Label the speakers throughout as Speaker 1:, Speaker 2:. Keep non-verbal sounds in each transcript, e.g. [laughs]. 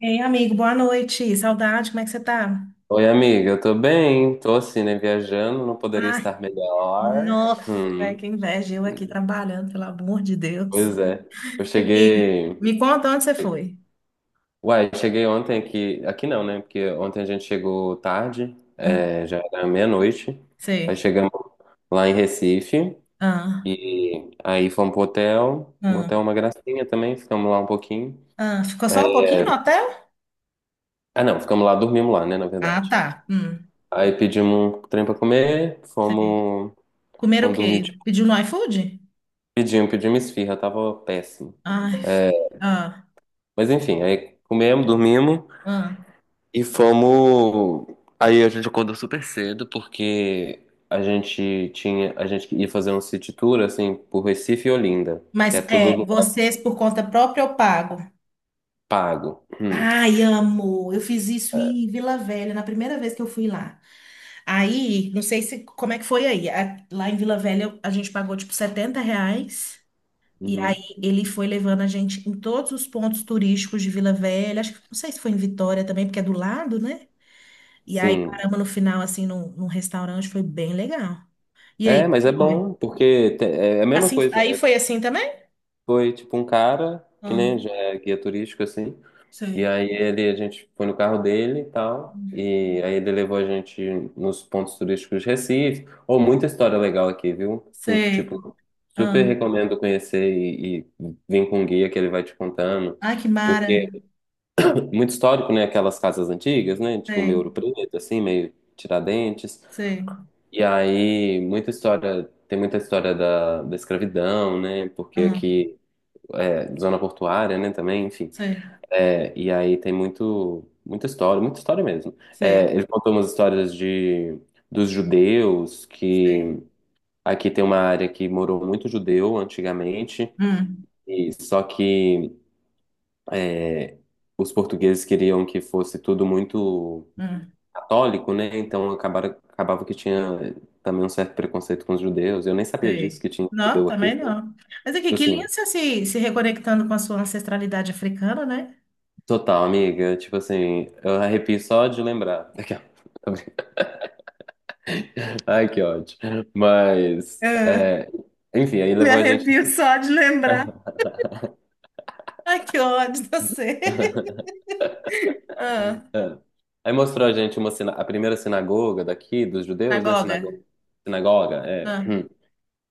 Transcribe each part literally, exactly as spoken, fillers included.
Speaker 1: Ei, amigo, boa noite. Saudade, como é que você tá?
Speaker 2: Oi, amiga, eu tô bem, tô assim, né, viajando, não poderia
Speaker 1: Ai,
Speaker 2: estar melhor.
Speaker 1: nossa, é,
Speaker 2: Hum,
Speaker 1: que inveja. Eu aqui trabalhando, pelo amor de Deus.
Speaker 2: pois é, eu
Speaker 1: Aqui,
Speaker 2: cheguei,
Speaker 1: me conta onde você foi.
Speaker 2: uai, cheguei ontem aqui, aqui não, né, porque ontem a gente chegou tarde,
Speaker 1: Hum,
Speaker 2: é, já era meia-noite, aí
Speaker 1: sei.
Speaker 2: chegamos lá em Recife,
Speaker 1: Ah,
Speaker 2: e aí fomos pro hotel, o
Speaker 1: ah,
Speaker 2: hotel é uma gracinha também, ficamos lá um pouquinho.
Speaker 1: ah. Ficou só um pouquinho no hotel?
Speaker 2: Ah, não, ficamos lá, dormimos lá, né, na
Speaker 1: Ah,
Speaker 2: verdade.
Speaker 1: tá. Hum,
Speaker 2: Aí pedimos um trem pra comer,
Speaker 1: sei.
Speaker 2: fomos,
Speaker 1: Comer o
Speaker 2: fomos dormir,
Speaker 1: quê?
Speaker 2: tipo,
Speaker 1: Pediu no iFood?
Speaker 2: pedimos, pedimos esfirra, tava péssimo.
Speaker 1: Ai, ah,
Speaker 2: Mas enfim, aí comemos, dormimos
Speaker 1: ah.
Speaker 2: e fomos. Aí a gente acordou super cedo porque a gente tinha, a gente ia fazer um city tour assim por Recife e Olinda, que
Speaker 1: Mas
Speaker 2: é
Speaker 1: é,
Speaker 2: tudo
Speaker 1: vocês por conta própria eu pago.
Speaker 2: pago. Hum,
Speaker 1: Ai, amo. Eu fiz isso em Vila Velha, na primeira vez que eu fui lá. Aí, não sei se como é que foi aí. A- lá em Vila Velha eu- a gente pagou tipo setenta reais. E
Speaker 2: uhum,
Speaker 1: aí ele foi levando a gente em todos os pontos turísticos de Vila Velha. Acho que não sei se foi em Vitória também, porque é do lado, né? E aí
Speaker 2: sim.
Speaker 1: paramos no final, assim, num, num restaurante, foi bem legal. E
Speaker 2: É,
Speaker 1: aí,
Speaker 2: mas é
Speaker 1: foi.
Speaker 2: bom porque te- é a mesma
Speaker 1: Assim,
Speaker 2: coisa.
Speaker 1: aí
Speaker 2: É,
Speaker 1: foi assim também?
Speaker 2: Foi tipo um cara que
Speaker 1: Ah,
Speaker 2: nem já é guia turístico assim. E
Speaker 1: sei,
Speaker 2: aí ele, a gente foi no carro dele e tal. E aí ele levou a gente nos pontos turísticos de Recife. Ou muita história legal aqui, viu? Tu-
Speaker 1: sei.
Speaker 2: Tipo,
Speaker 1: Ah,
Speaker 2: super recomendo conhecer e, e vir com um guia que ele vai te contando.
Speaker 1: ai, que mara.
Speaker 2: Porque [laughs] é muito histórico, né? Aquelas casas antigas, né? Tipo meio
Speaker 1: Sei,
Speaker 2: Ouro Preto, assim, meio Tiradentes.
Speaker 1: sei.
Speaker 2: E aí, muita história, tem muita história da, da escravidão, né? Porque
Speaker 1: Ah,
Speaker 2: aqui é zona portuária, né? Também, enfim.
Speaker 1: sei,
Speaker 2: É, e aí tem muito, muita história, muita história mesmo. É,
Speaker 1: sei,
Speaker 2: ele contou umas histórias de, dos judeus,
Speaker 1: sei.
Speaker 2: que aqui tem uma área que morou muito judeu antigamente,
Speaker 1: Hum,
Speaker 2: e só que os portugueses queriam que fosse tudo muito
Speaker 1: hum.
Speaker 2: católico, né? Então acabaram, acabava que tinha também um certo preconceito com os judeus. Eu nem sabia disso,
Speaker 1: Sei.
Speaker 2: que tinha
Speaker 1: Não,
Speaker 2: judeu aqui,
Speaker 1: também
Speaker 2: sabe?
Speaker 1: não. Mas aqui,
Speaker 2: Tipo
Speaker 1: que lindo
Speaker 2: assim,
Speaker 1: você se, se reconectando com a sua ancestralidade africana, né?
Speaker 2: total, amiga. Tipo assim, eu arrepio só de lembrar. [laughs] Ai, que ódio. Mas,
Speaker 1: Ah,
Speaker 2: é, enfim, aí
Speaker 1: me
Speaker 2: levou a gente.
Speaker 1: arrepio só de lembrar. Ai, que ódio de você. [laughs]
Speaker 2: [laughs]
Speaker 1: Ah,
Speaker 2: É. Aí mostrou a gente uma sina- a primeira sinagoga daqui, dos judeus, né?
Speaker 1: Sinagoga.
Speaker 2: Sinagoga. Sinagoga, é.
Speaker 1: Ah.
Speaker 2: [clears throat]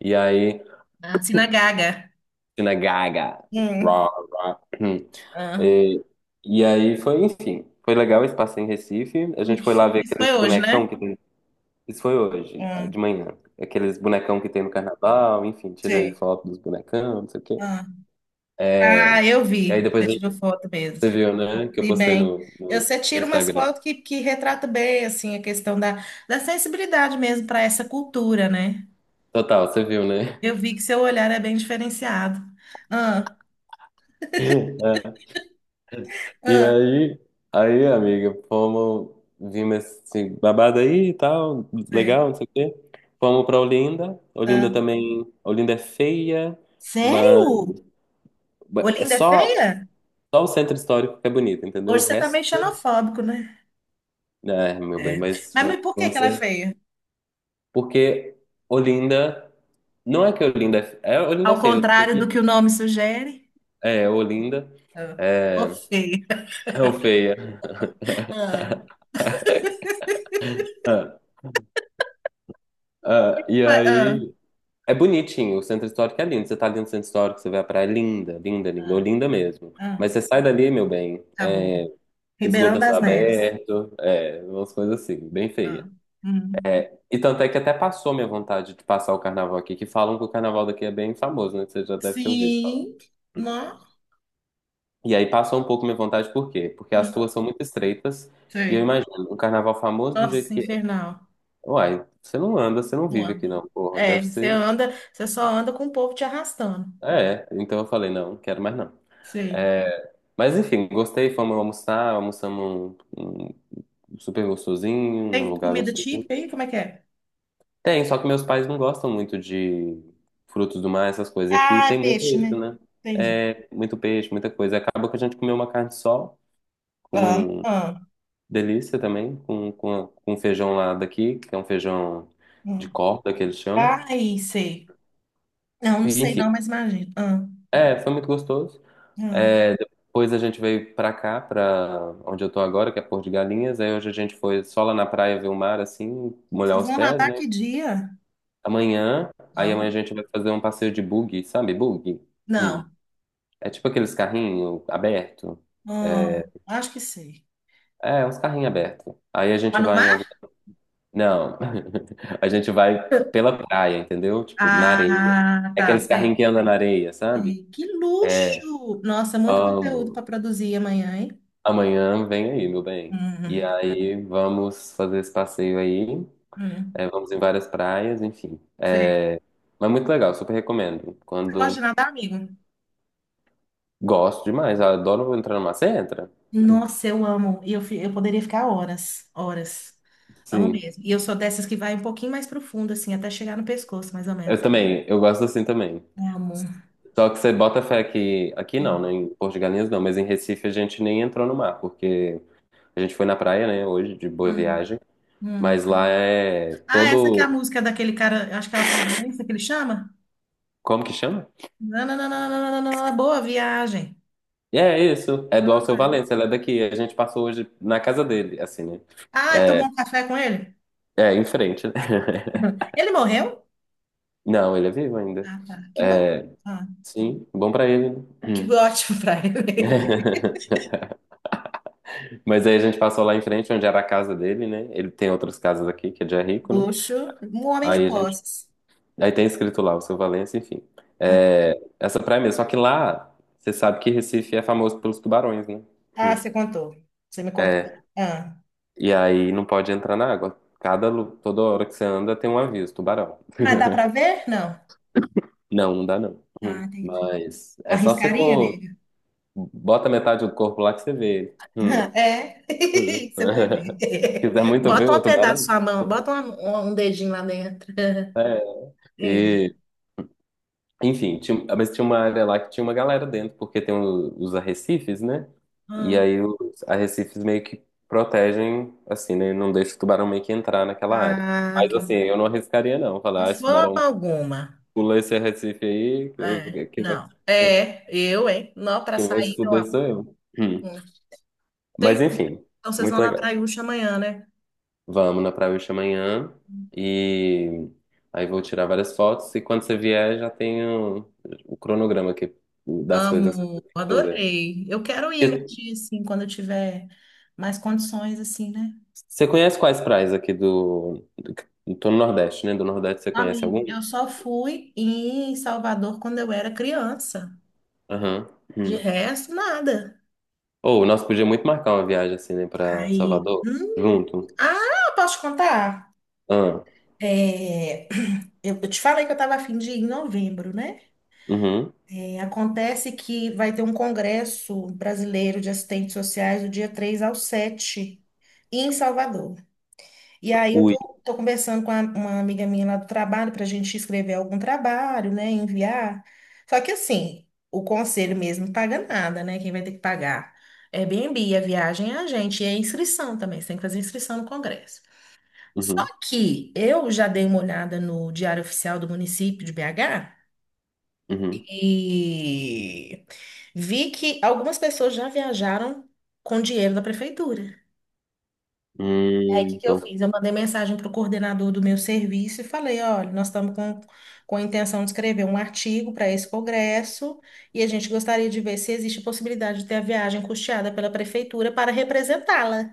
Speaker 2: E aí,
Speaker 1: Ah, Sinagaga.
Speaker 2: sinagoga.
Speaker 1: Hum,
Speaker 2: Rá, rá. [clears throat]
Speaker 1: ah.
Speaker 2: E, e aí foi, enfim, foi legal esse passeio em Recife. A gente foi
Speaker 1: Luxo.
Speaker 2: lá ver
Speaker 1: Isso
Speaker 2: aqueles
Speaker 1: foi hoje,
Speaker 2: bonecão
Speaker 1: né?
Speaker 2: que tem. Isso foi hoje, de
Speaker 1: Hum,
Speaker 2: manhã. Aqueles bonecão que tem no carnaval, enfim, tirei
Speaker 1: sei.
Speaker 2: foto dos bonecão, não sei o quê.
Speaker 1: Ah, ah,
Speaker 2: É.
Speaker 1: eu
Speaker 2: E
Speaker 1: vi.
Speaker 2: aí depois
Speaker 1: Você tirou
Speaker 2: você
Speaker 1: foto mesmo.
Speaker 2: viu, né? Que eu
Speaker 1: E
Speaker 2: postei
Speaker 1: bem,
Speaker 2: no,
Speaker 1: eu-
Speaker 2: no,
Speaker 1: você
Speaker 2: no
Speaker 1: tira umas
Speaker 2: Instagram.
Speaker 1: fotos que, que retrata bem assim a questão da, da sensibilidade mesmo para essa cultura, né?
Speaker 2: Total, você viu, né?
Speaker 1: Eu
Speaker 2: [laughs]
Speaker 1: vi que seu olhar é bem diferenciado. Ah,
Speaker 2: É. E
Speaker 1: ah,
Speaker 2: aí, aí, amiga, fomos, vimos esse babado aí e tal,
Speaker 1: sei.
Speaker 2: legal, não sei o quê. Fomos pra Olinda. Olinda
Speaker 1: Ah.
Speaker 2: também, Olinda é feia, mas
Speaker 1: Sério?
Speaker 2: é
Speaker 1: Olinda é
Speaker 2: só,
Speaker 1: feia?
Speaker 2: só o centro histórico que é bonito, entendeu? O
Speaker 1: Hoje você tá
Speaker 2: resto,
Speaker 1: meio xenofóbico, né?
Speaker 2: né, é, meu bem,
Speaker 1: É.
Speaker 2: mas
Speaker 1: Mas,
Speaker 2: vamos,
Speaker 1: mas por que
Speaker 2: vamos
Speaker 1: que ela é
Speaker 2: ser.
Speaker 1: feia?
Speaker 2: Porque Olinda, não é que Olinda é, fe- é Olinda é
Speaker 1: Ao
Speaker 2: feia, eu tô,
Speaker 1: contrário do que o nome sugere?
Speaker 2: é, Olinda
Speaker 1: Ah. Ô,
Speaker 2: é,
Speaker 1: feia.
Speaker 2: [laughs] é o feia.
Speaker 1: Ah.
Speaker 2: Ah, ah, e
Speaker 1: Vai- ah,
Speaker 2: aí, é bonitinho, o centro histórico é lindo. Você tá ali no centro histórico, você vê a praia é linda, linda, linda, ou
Speaker 1: ah,
Speaker 2: linda mesmo.
Speaker 1: ah.
Speaker 2: Mas você sai dali, meu bem, é,
Speaker 1: Acabou.
Speaker 2: esgoto
Speaker 1: Ribeirão
Speaker 2: a céu
Speaker 1: das Neves.
Speaker 2: aberto, é, umas coisas assim, bem feia.
Speaker 1: Ah. Hum.
Speaker 2: É, e tanto é que até passou minha vontade de passar o carnaval aqui, que falam que o carnaval daqui é bem famoso, né? Que você já deve ter ouvido falar.
Speaker 1: Sim. Não.
Speaker 2: E aí passou um pouco minha vontade, por quê? Porque as
Speaker 1: Hum.
Speaker 2: ruas são muito estreitas, e eu
Speaker 1: Sei.
Speaker 2: imagino, um carnaval famoso do jeito
Speaker 1: Nossa,
Speaker 2: que é.
Speaker 1: infernal.
Speaker 2: Uai, você não anda, você não
Speaker 1: Não
Speaker 2: vive aqui
Speaker 1: anda.
Speaker 2: não, porra.
Speaker 1: É,
Speaker 2: Deve
Speaker 1: você
Speaker 2: ser.
Speaker 1: anda, você só anda com o povo te arrastando.
Speaker 2: É, então eu falei, não, não quero mais não.
Speaker 1: Sei.
Speaker 2: É, mas enfim, gostei, fomos almoçar, almoçamos um, um super gostosinho, num
Speaker 1: Tem
Speaker 2: lugar
Speaker 1: comida
Speaker 2: gostosinho.
Speaker 1: típica aí? Como é que é?
Speaker 2: Tem, só que meus pais não gostam muito de frutos do mar, essas coisas. E aqui
Speaker 1: Ah, é
Speaker 2: tem muito
Speaker 1: peixe,
Speaker 2: isso,
Speaker 1: né?
Speaker 2: né?
Speaker 1: Entendi.
Speaker 2: É, muito peixe, muita coisa. Acaba que a gente comeu uma carne sol,
Speaker 1: Ah,
Speaker 2: com
Speaker 1: ah,
Speaker 2: delícia também, com, com, com feijão lá daqui, que é um feijão de
Speaker 1: ah.
Speaker 2: corda que eles chamam.
Speaker 1: Ai, sei. Não, não
Speaker 2: E,
Speaker 1: sei
Speaker 2: enfim,
Speaker 1: não, mas imagino. Ah,
Speaker 2: é, foi muito gostoso.
Speaker 1: ah.
Speaker 2: É, depois a gente veio pra cá, pra onde eu tô agora, que é Porto de Galinhas. Aí hoje a gente foi só lá na praia ver o mar, assim, molhar
Speaker 1: Vocês
Speaker 2: os
Speaker 1: vão
Speaker 2: pés,
Speaker 1: nadar
Speaker 2: né?
Speaker 1: que dia?
Speaker 2: Amanhã, aí amanhã a
Speaker 1: Vamos.
Speaker 2: gente vai fazer um passeio de buggy, sabe? Buggy? Hum.
Speaker 1: Não.
Speaker 2: É tipo aqueles carrinhos abertos.
Speaker 1: Ah,
Speaker 2: É,
Speaker 1: acho que sei.
Speaker 2: é uns carrinhos abertos. Aí a
Speaker 1: Lá
Speaker 2: gente
Speaker 1: no
Speaker 2: vai em algum...
Speaker 1: mar?
Speaker 2: Não, [laughs] a gente vai pela praia, entendeu? Tipo, na areia.
Speaker 1: Ah,
Speaker 2: É
Speaker 1: tá,
Speaker 2: aqueles carrinhos
Speaker 1: sei.
Speaker 2: que andam na areia, sabe?
Speaker 1: Sei. Que luxo! Nossa, muito conteúdo para
Speaker 2: Amo.
Speaker 1: produzir amanhã, hein?
Speaker 2: Amanhã vem aí, meu bem. E
Speaker 1: Hum,
Speaker 2: aí vamos fazer esse passeio aí.
Speaker 1: hum.
Speaker 2: É, vamos em várias praias, enfim.
Speaker 1: Sei.
Speaker 2: Mas muito legal, super recomendo.
Speaker 1: Você gosta de
Speaker 2: Quando
Speaker 1: nadar, amigo?
Speaker 2: gosto demais, eu adoro entrar numa. Você entra?
Speaker 1: Nossa, eu amo. E eu, fi- eu poderia ficar horas, horas. Amo
Speaker 2: Sim.
Speaker 1: mesmo. E eu sou dessas que vai um pouquinho mais profundo, assim, até chegar no pescoço, mais ou
Speaker 2: Eu
Speaker 1: menos.
Speaker 2: também, eu gosto assim também.
Speaker 1: Amo.
Speaker 2: Só que você bota fé que aqui não, né?
Speaker 1: Hum,
Speaker 2: Em Porto de Galinhas não, mas em Recife a gente nem entrou no mar, porque a gente foi na praia, né, hoje, de boa
Speaker 1: hum,
Speaker 2: viagem.
Speaker 1: hum.
Speaker 2: Mas lá é
Speaker 1: Ah, essa que é a
Speaker 2: todo.
Speaker 1: música daquele cara, eu acho que é o Silvarense que ele chama?
Speaker 2: Como que chama?
Speaker 1: Nananana, boa viagem.
Speaker 2: E é isso, é do Alceu Valença, ele é daqui. A gente passou hoje na casa dele, assim, né?
Speaker 1: Ah, tomou um café com ele?
Speaker 2: É, em frente, né? [laughs]
Speaker 1: [laughs] Ele morreu?
Speaker 2: Não, ele é vivo ainda.
Speaker 1: Ah, tá. Que bom.
Speaker 2: É,
Speaker 1: Ah,
Speaker 2: sim, bom pra ele,
Speaker 1: que
Speaker 2: né?
Speaker 1: [laughs] ótimo pra
Speaker 2: [clears throat]
Speaker 1: ele.
Speaker 2: [laughs] Mas aí a gente passou lá em frente, onde era a casa dele, né? Ele tem outras casas aqui, que é de é
Speaker 1: [laughs]
Speaker 2: rico, né?
Speaker 1: Luxo, um homem de
Speaker 2: Aí a gente.
Speaker 1: posses.
Speaker 2: Aí tem escrito lá, Alceu Valença, enfim.
Speaker 1: Ah,
Speaker 2: É, essa praia mesmo. Só que lá, você sabe que Recife é famoso pelos tubarões, né?
Speaker 1: ah,
Speaker 2: Hum.
Speaker 1: você contou. Você me contou. Ah.
Speaker 2: E aí não pode entrar na água. Cada, lu- toda hora que você anda tem um aviso, tubarão.
Speaker 1: Mas dá pra ver? Não.
Speaker 2: Não, não dá não.
Speaker 1: Ah,
Speaker 2: Hum.
Speaker 1: entendi.
Speaker 2: Mas é só você
Speaker 1: Arriscaria,
Speaker 2: pôr,
Speaker 1: nega?
Speaker 2: bota metade do corpo lá que você vê. Hum.
Speaker 1: [laughs] É, [laughs] você vai
Speaker 2: [laughs]
Speaker 1: ver.
Speaker 2: Quiser
Speaker 1: [laughs]
Speaker 2: muito ver
Speaker 1: Bota
Speaker 2: o
Speaker 1: um pedaço da
Speaker 2: tubarão?
Speaker 1: sua mão, bota uma- um dedinho lá dentro.
Speaker 2: É.
Speaker 1: [laughs] Entendi.
Speaker 2: E, enfim, tinha- mas tinha uma área lá que tinha uma galera dentro, porque tem o- os arrecifes, né? E
Speaker 1: Hum,
Speaker 2: aí os arrecifes meio que protegem, assim, né? Não deixa o tubarão meio que entrar naquela área.
Speaker 1: Ah,
Speaker 2: Mas
Speaker 1: ok.
Speaker 2: assim, eu não arriscaria não,
Speaker 1: De
Speaker 2: falar, ah, esse
Speaker 1: forma
Speaker 2: tubarão
Speaker 1: alguma.
Speaker 2: pula esse arrecife aí, que eu,
Speaker 1: É,
Speaker 2: que- quem vai
Speaker 1: não. É, eu, hein? Não, pra
Speaker 2: quem vai se
Speaker 1: sair, eu amo.
Speaker 2: fuder sou eu. Hum.
Speaker 1: Hum, Tem.
Speaker 2: Mas enfim,
Speaker 1: Então vocês
Speaker 2: muito
Speaker 1: vão na
Speaker 2: legal.
Speaker 1: Praiúcha amanhã, né?
Speaker 2: Vamos na praia hoje amanhã e aí vou tirar várias fotos e quando você vier já tenho o cronograma aqui das coisas que eu
Speaker 1: Amo,
Speaker 2: tenho que fazer.
Speaker 1: adorei. Eu quero ir um
Speaker 2: E
Speaker 1: dia, assim, quando eu tiver mais condições, assim, né?
Speaker 2: você conhece quais praias aqui do... Tô no Nordeste, né? Do Nordeste você conhece
Speaker 1: Amigo,
Speaker 2: algum?
Speaker 1: eu só fui em Salvador quando eu era criança.
Speaker 2: Aham.
Speaker 1: De
Speaker 2: Hum.
Speaker 1: resto, nada.
Speaker 2: Ou nós podíamos muito marcar uma viagem assim, né, pra
Speaker 1: Aí,
Speaker 2: Salvador
Speaker 1: hum,
Speaker 2: junto.
Speaker 1: ah, posso te contar?
Speaker 2: Ah,
Speaker 1: É, [clears throat] Eu eu te falei que eu estava a fim de ir em novembro, né?
Speaker 2: uhum.
Speaker 1: É, acontece que vai ter um congresso brasileiro de assistentes sociais do dia três ao sete em Salvador. E aí eu
Speaker 2: Ui.
Speaker 1: tô, tô conversando com a- uma amiga minha lá do trabalho para a gente escrever algum trabalho, né, enviar. Só que assim, o conselho mesmo não paga nada, né? Quem vai ter que pagar é Airbnb, a viagem é a gente e a inscrição também. Você tem que fazer inscrição no Congresso. Só
Speaker 2: Uhum.
Speaker 1: que eu já dei uma olhada no Diário Oficial do município de B agá
Speaker 2: Uhum.
Speaker 1: e vi que algumas pessoas já viajaram com dinheiro da prefeitura. Aí, o
Speaker 2: Hum,
Speaker 1: que que eu
Speaker 2: então,
Speaker 1: fiz? Eu mandei mensagem para o coordenador do meu serviço e falei: olha, nós estamos com, com a intenção de escrever um artigo para esse congresso e a gente gostaria de ver se existe a possibilidade de ter a viagem custeada pela prefeitura para representá-la.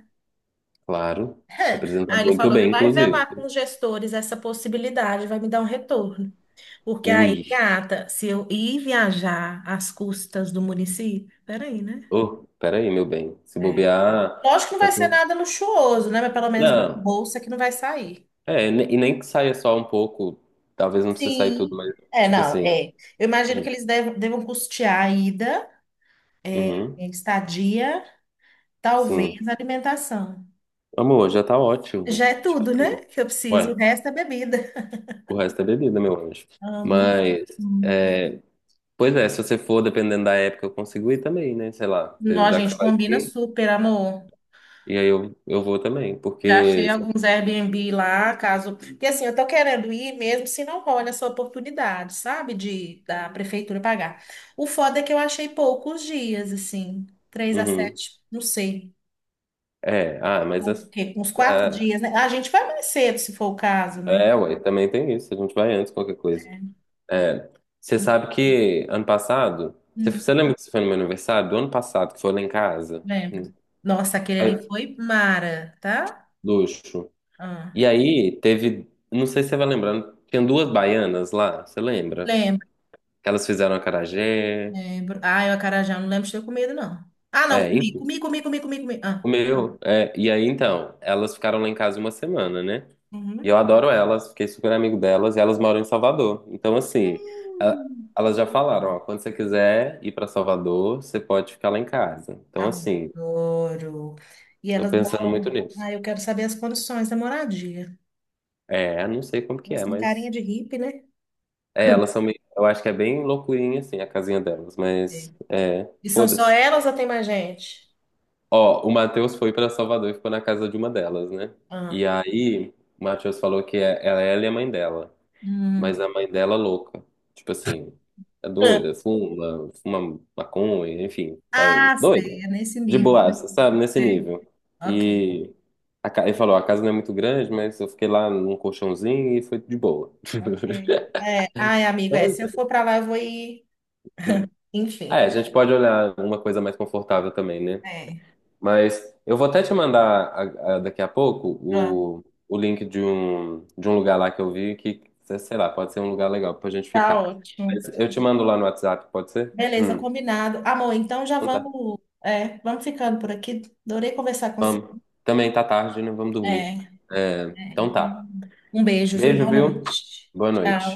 Speaker 2: claro.
Speaker 1: [laughs]
Speaker 2: Representa
Speaker 1: Aí ele
Speaker 2: muito
Speaker 1: falou que
Speaker 2: bem,
Speaker 1: vai
Speaker 2: inclusive.
Speaker 1: velar com os gestores essa possibilidade, vai me dar um retorno. Porque aí,
Speaker 2: Ui.
Speaker 1: gata, se eu ir viajar às custas do município, peraí, né?
Speaker 2: Oh, peraí, meu bem. Se
Speaker 1: É.
Speaker 2: bobear.
Speaker 1: Lógico que não
Speaker 2: tá
Speaker 1: vai ser
Speaker 2: com-
Speaker 1: nada luxuoso, né? Mas pelo menos
Speaker 2: Não,
Speaker 1: bolsa que não vai sair.
Speaker 2: é, ne- e nem que saia só um pouco. Talvez não precise sair tudo,
Speaker 1: Sim.
Speaker 2: mas,
Speaker 1: É,
Speaker 2: tipo
Speaker 1: não,
Speaker 2: assim.
Speaker 1: é. Eu imagino
Speaker 2: Uhum,
Speaker 1: que eles devam, devam custear a ida,
Speaker 2: uhum,
Speaker 1: a estadia, talvez
Speaker 2: sim.
Speaker 1: a alimentação.
Speaker 2: Amor, já tá
Speaker 1: Já
Speaker 2: ótimo.
Speaker 1: é
Speaker 2: Tipo
Speaker 1: tudo,
Speaker 2: assim,
Speaker 1: né? Que eu preciso. O
Speaker 2: ué,
Speaker 1: resto é bebida.
Speaker 2: o resto é bebida, meu anjo.
Speaker 1: Amo.
Speaker 2: Mas,
Speaker 1: Hum.
Speaker 2: é, pois é, se você for, dependendo da época, eu consigo ir também, né? Sei lá,
Speaker 1: Não,
Speaker 2: eu-
Speaker 1: a
Speaker 2: já que
Speaker 1: gente
Speaker 2: você vai
Speaker 1: combina
Speaker 2: ir,
Speaker 1: super, amor.
Speaker 2: e aí eu, eu vou também,
Speaker 1: Já
Speaker 2: porque.
Speaker 1: achei alguns Airbnb lá, caso. Porque assim, eu tô querendo ir mesmo se não rola essa oportunidade, sabe? De da prefeitura pagar. O foda é que eu achei poucos dias, assim, três a
Speaker 2: Uhum,
Speaker 1: sete, não sei.
Speaker 2: é, ah, mas. as-
Speaker 1: Porque uns quatro
Speaker 2: ah,
Speaker 1: dias, né? Ah, a gente vai mais cedo, se for o caso, né?
Speaker 2: é, ué, também tem isso. A gente vai antes, qualquer coisa. É, você sabe que ano passado, você,
Speaker 1: Hum,
Speaker 2: você lembra que você foi no meu aniversário? Do ano passado, que foi lá em casa?
Speaker 1: lembro.
Speaker 2: Hum.
Speaker 1: Nossa, aquele ali
Speaker 2: Aí,
Speaker 1: foi mara, tá?
Speaker 2: luxo. E
Speaker 1: Ah,
Speaker 2: aí teve, não sei se você vai lembrando, tinha duas baianas lá, você lembra?
Speaker 1: lembro,
Speaker 2: Elas fizeram acarajé,
Speaker 1: lembro. Ah, eu acarajé, eu não lembro de ter comido, não. Ah, não,
Speaker 2: é,
Speaker 1: comi,
Speaker 2: enfim,
Speaker 1: comi, comi, comi, comi, comi. Ah.
Speaker 2: comeu. É, e aí então, elas ficaram lá em casa uma semana, né? E eu
Speaker 1: Uhum.
Speaker 2: adoro elas, fiquei super amigo delas, e elas moram em Salvador. Então assim, a-
Speaker 1: Hum,
Speaker 2: elas já falaram, ó, quando você quiser ir pra Salvador, você pode ficar lá em casa. Então assim,
Speaker 1: adoro. E
Speaker 2: tô
Speaker 1: elas
Speaker 2: pensando muito
Speaker 1: moram.
Speaker 2: nisso.
Speaker 1: Ah, eu quero saber as condições da moradia.
Speaker 2: É, não sei como que
Speaker 1: Elas
Speaker 2: é,
Speaker 1: têm carinha
Speaker 2: mas.
Speaker 1: de hippie, né?
Speaker 2: É, elas são meio. Eu acho que é bem loucurinha, assim, a casinha delas,
Speaker 1: É.
Speaker 2: mas. É,
Speaker 1: E são só
Speaker 2: foda-se.
Speaker 1: elas ou tem mais gente?
Speaker 2: Ó, o Matheus foi pra Salvador e ficou na casa de uma delas, né? E
Speaker 1: Ah,
Speaker 2: aí, o Matheus falou que é, ela, ela e a mãe dela. Mas
Speaker 1: hum.
Speaker 2: a mãe dela é louca. Tipo assim, é doida, fuma, fuma maconha, enfim, tá
Speaker 1: Ah,
Speaker 2: doida.
Speaker 1: sei, é nesse
Speaker 2: De
Speaker 1: nível.
Speaker 2: boaça, sabe? Nesse nível.
Speaker 1: Ok,
Speaker 2: E a ca- ele falou, a casa não é muito grande, mas eu fiquei lá num colchãozinho e foi de boa.
Speaker 1: ok.
Speaker 2: [laughs]
Speaker 1: É, ai, amigo, é, se eu
Speaker 2: Então,
Speaker 1: for pra lá, eu vou ir.
Speaker 2: é. Ah, é,
Speaker 1: Enfim,
Speaker 2: a gente pode olhar uma coisa mais confortável também, né?
Speaker 1: é,
Speaker 2: Mas eu vou até te mandar a- a- daqui a pouco
Speaker 1: pronto.
Speaker 2: o, o link de um, de um lugar lá que eu vi que, sei lá, pode ser um lugar legal pra gente
Speaker 1: Tá
Speaker 2: ficar.
Speaker 1: ótimo.
Speaker 2: Mas eu te mando lá no WhatsApp, pode ser?
Speaker 1: Beleza,
Speaker 2: Hum,
Speaker 1: combinado. Amor, então já
Speaker 2: então tá.
Speaker 1: vamos, é, vamos ficando por aqui. Adorei conversar com você.
Speaker 2: Também tá tarde, né? Vamos dormir.
Speaker 1: É, é.
Speaker 2: É, então
Speaker 1: Então,
Speaker 2: tá.
Speaker 1: um beijo, viu?
Speaker 2: Beijo,
Speaker 1: Boa
Speaker 2: viu?
Speaker 1: noite.
Speaker 2: Boa
Speaker 1: Tchau.
Speaker 2: noite.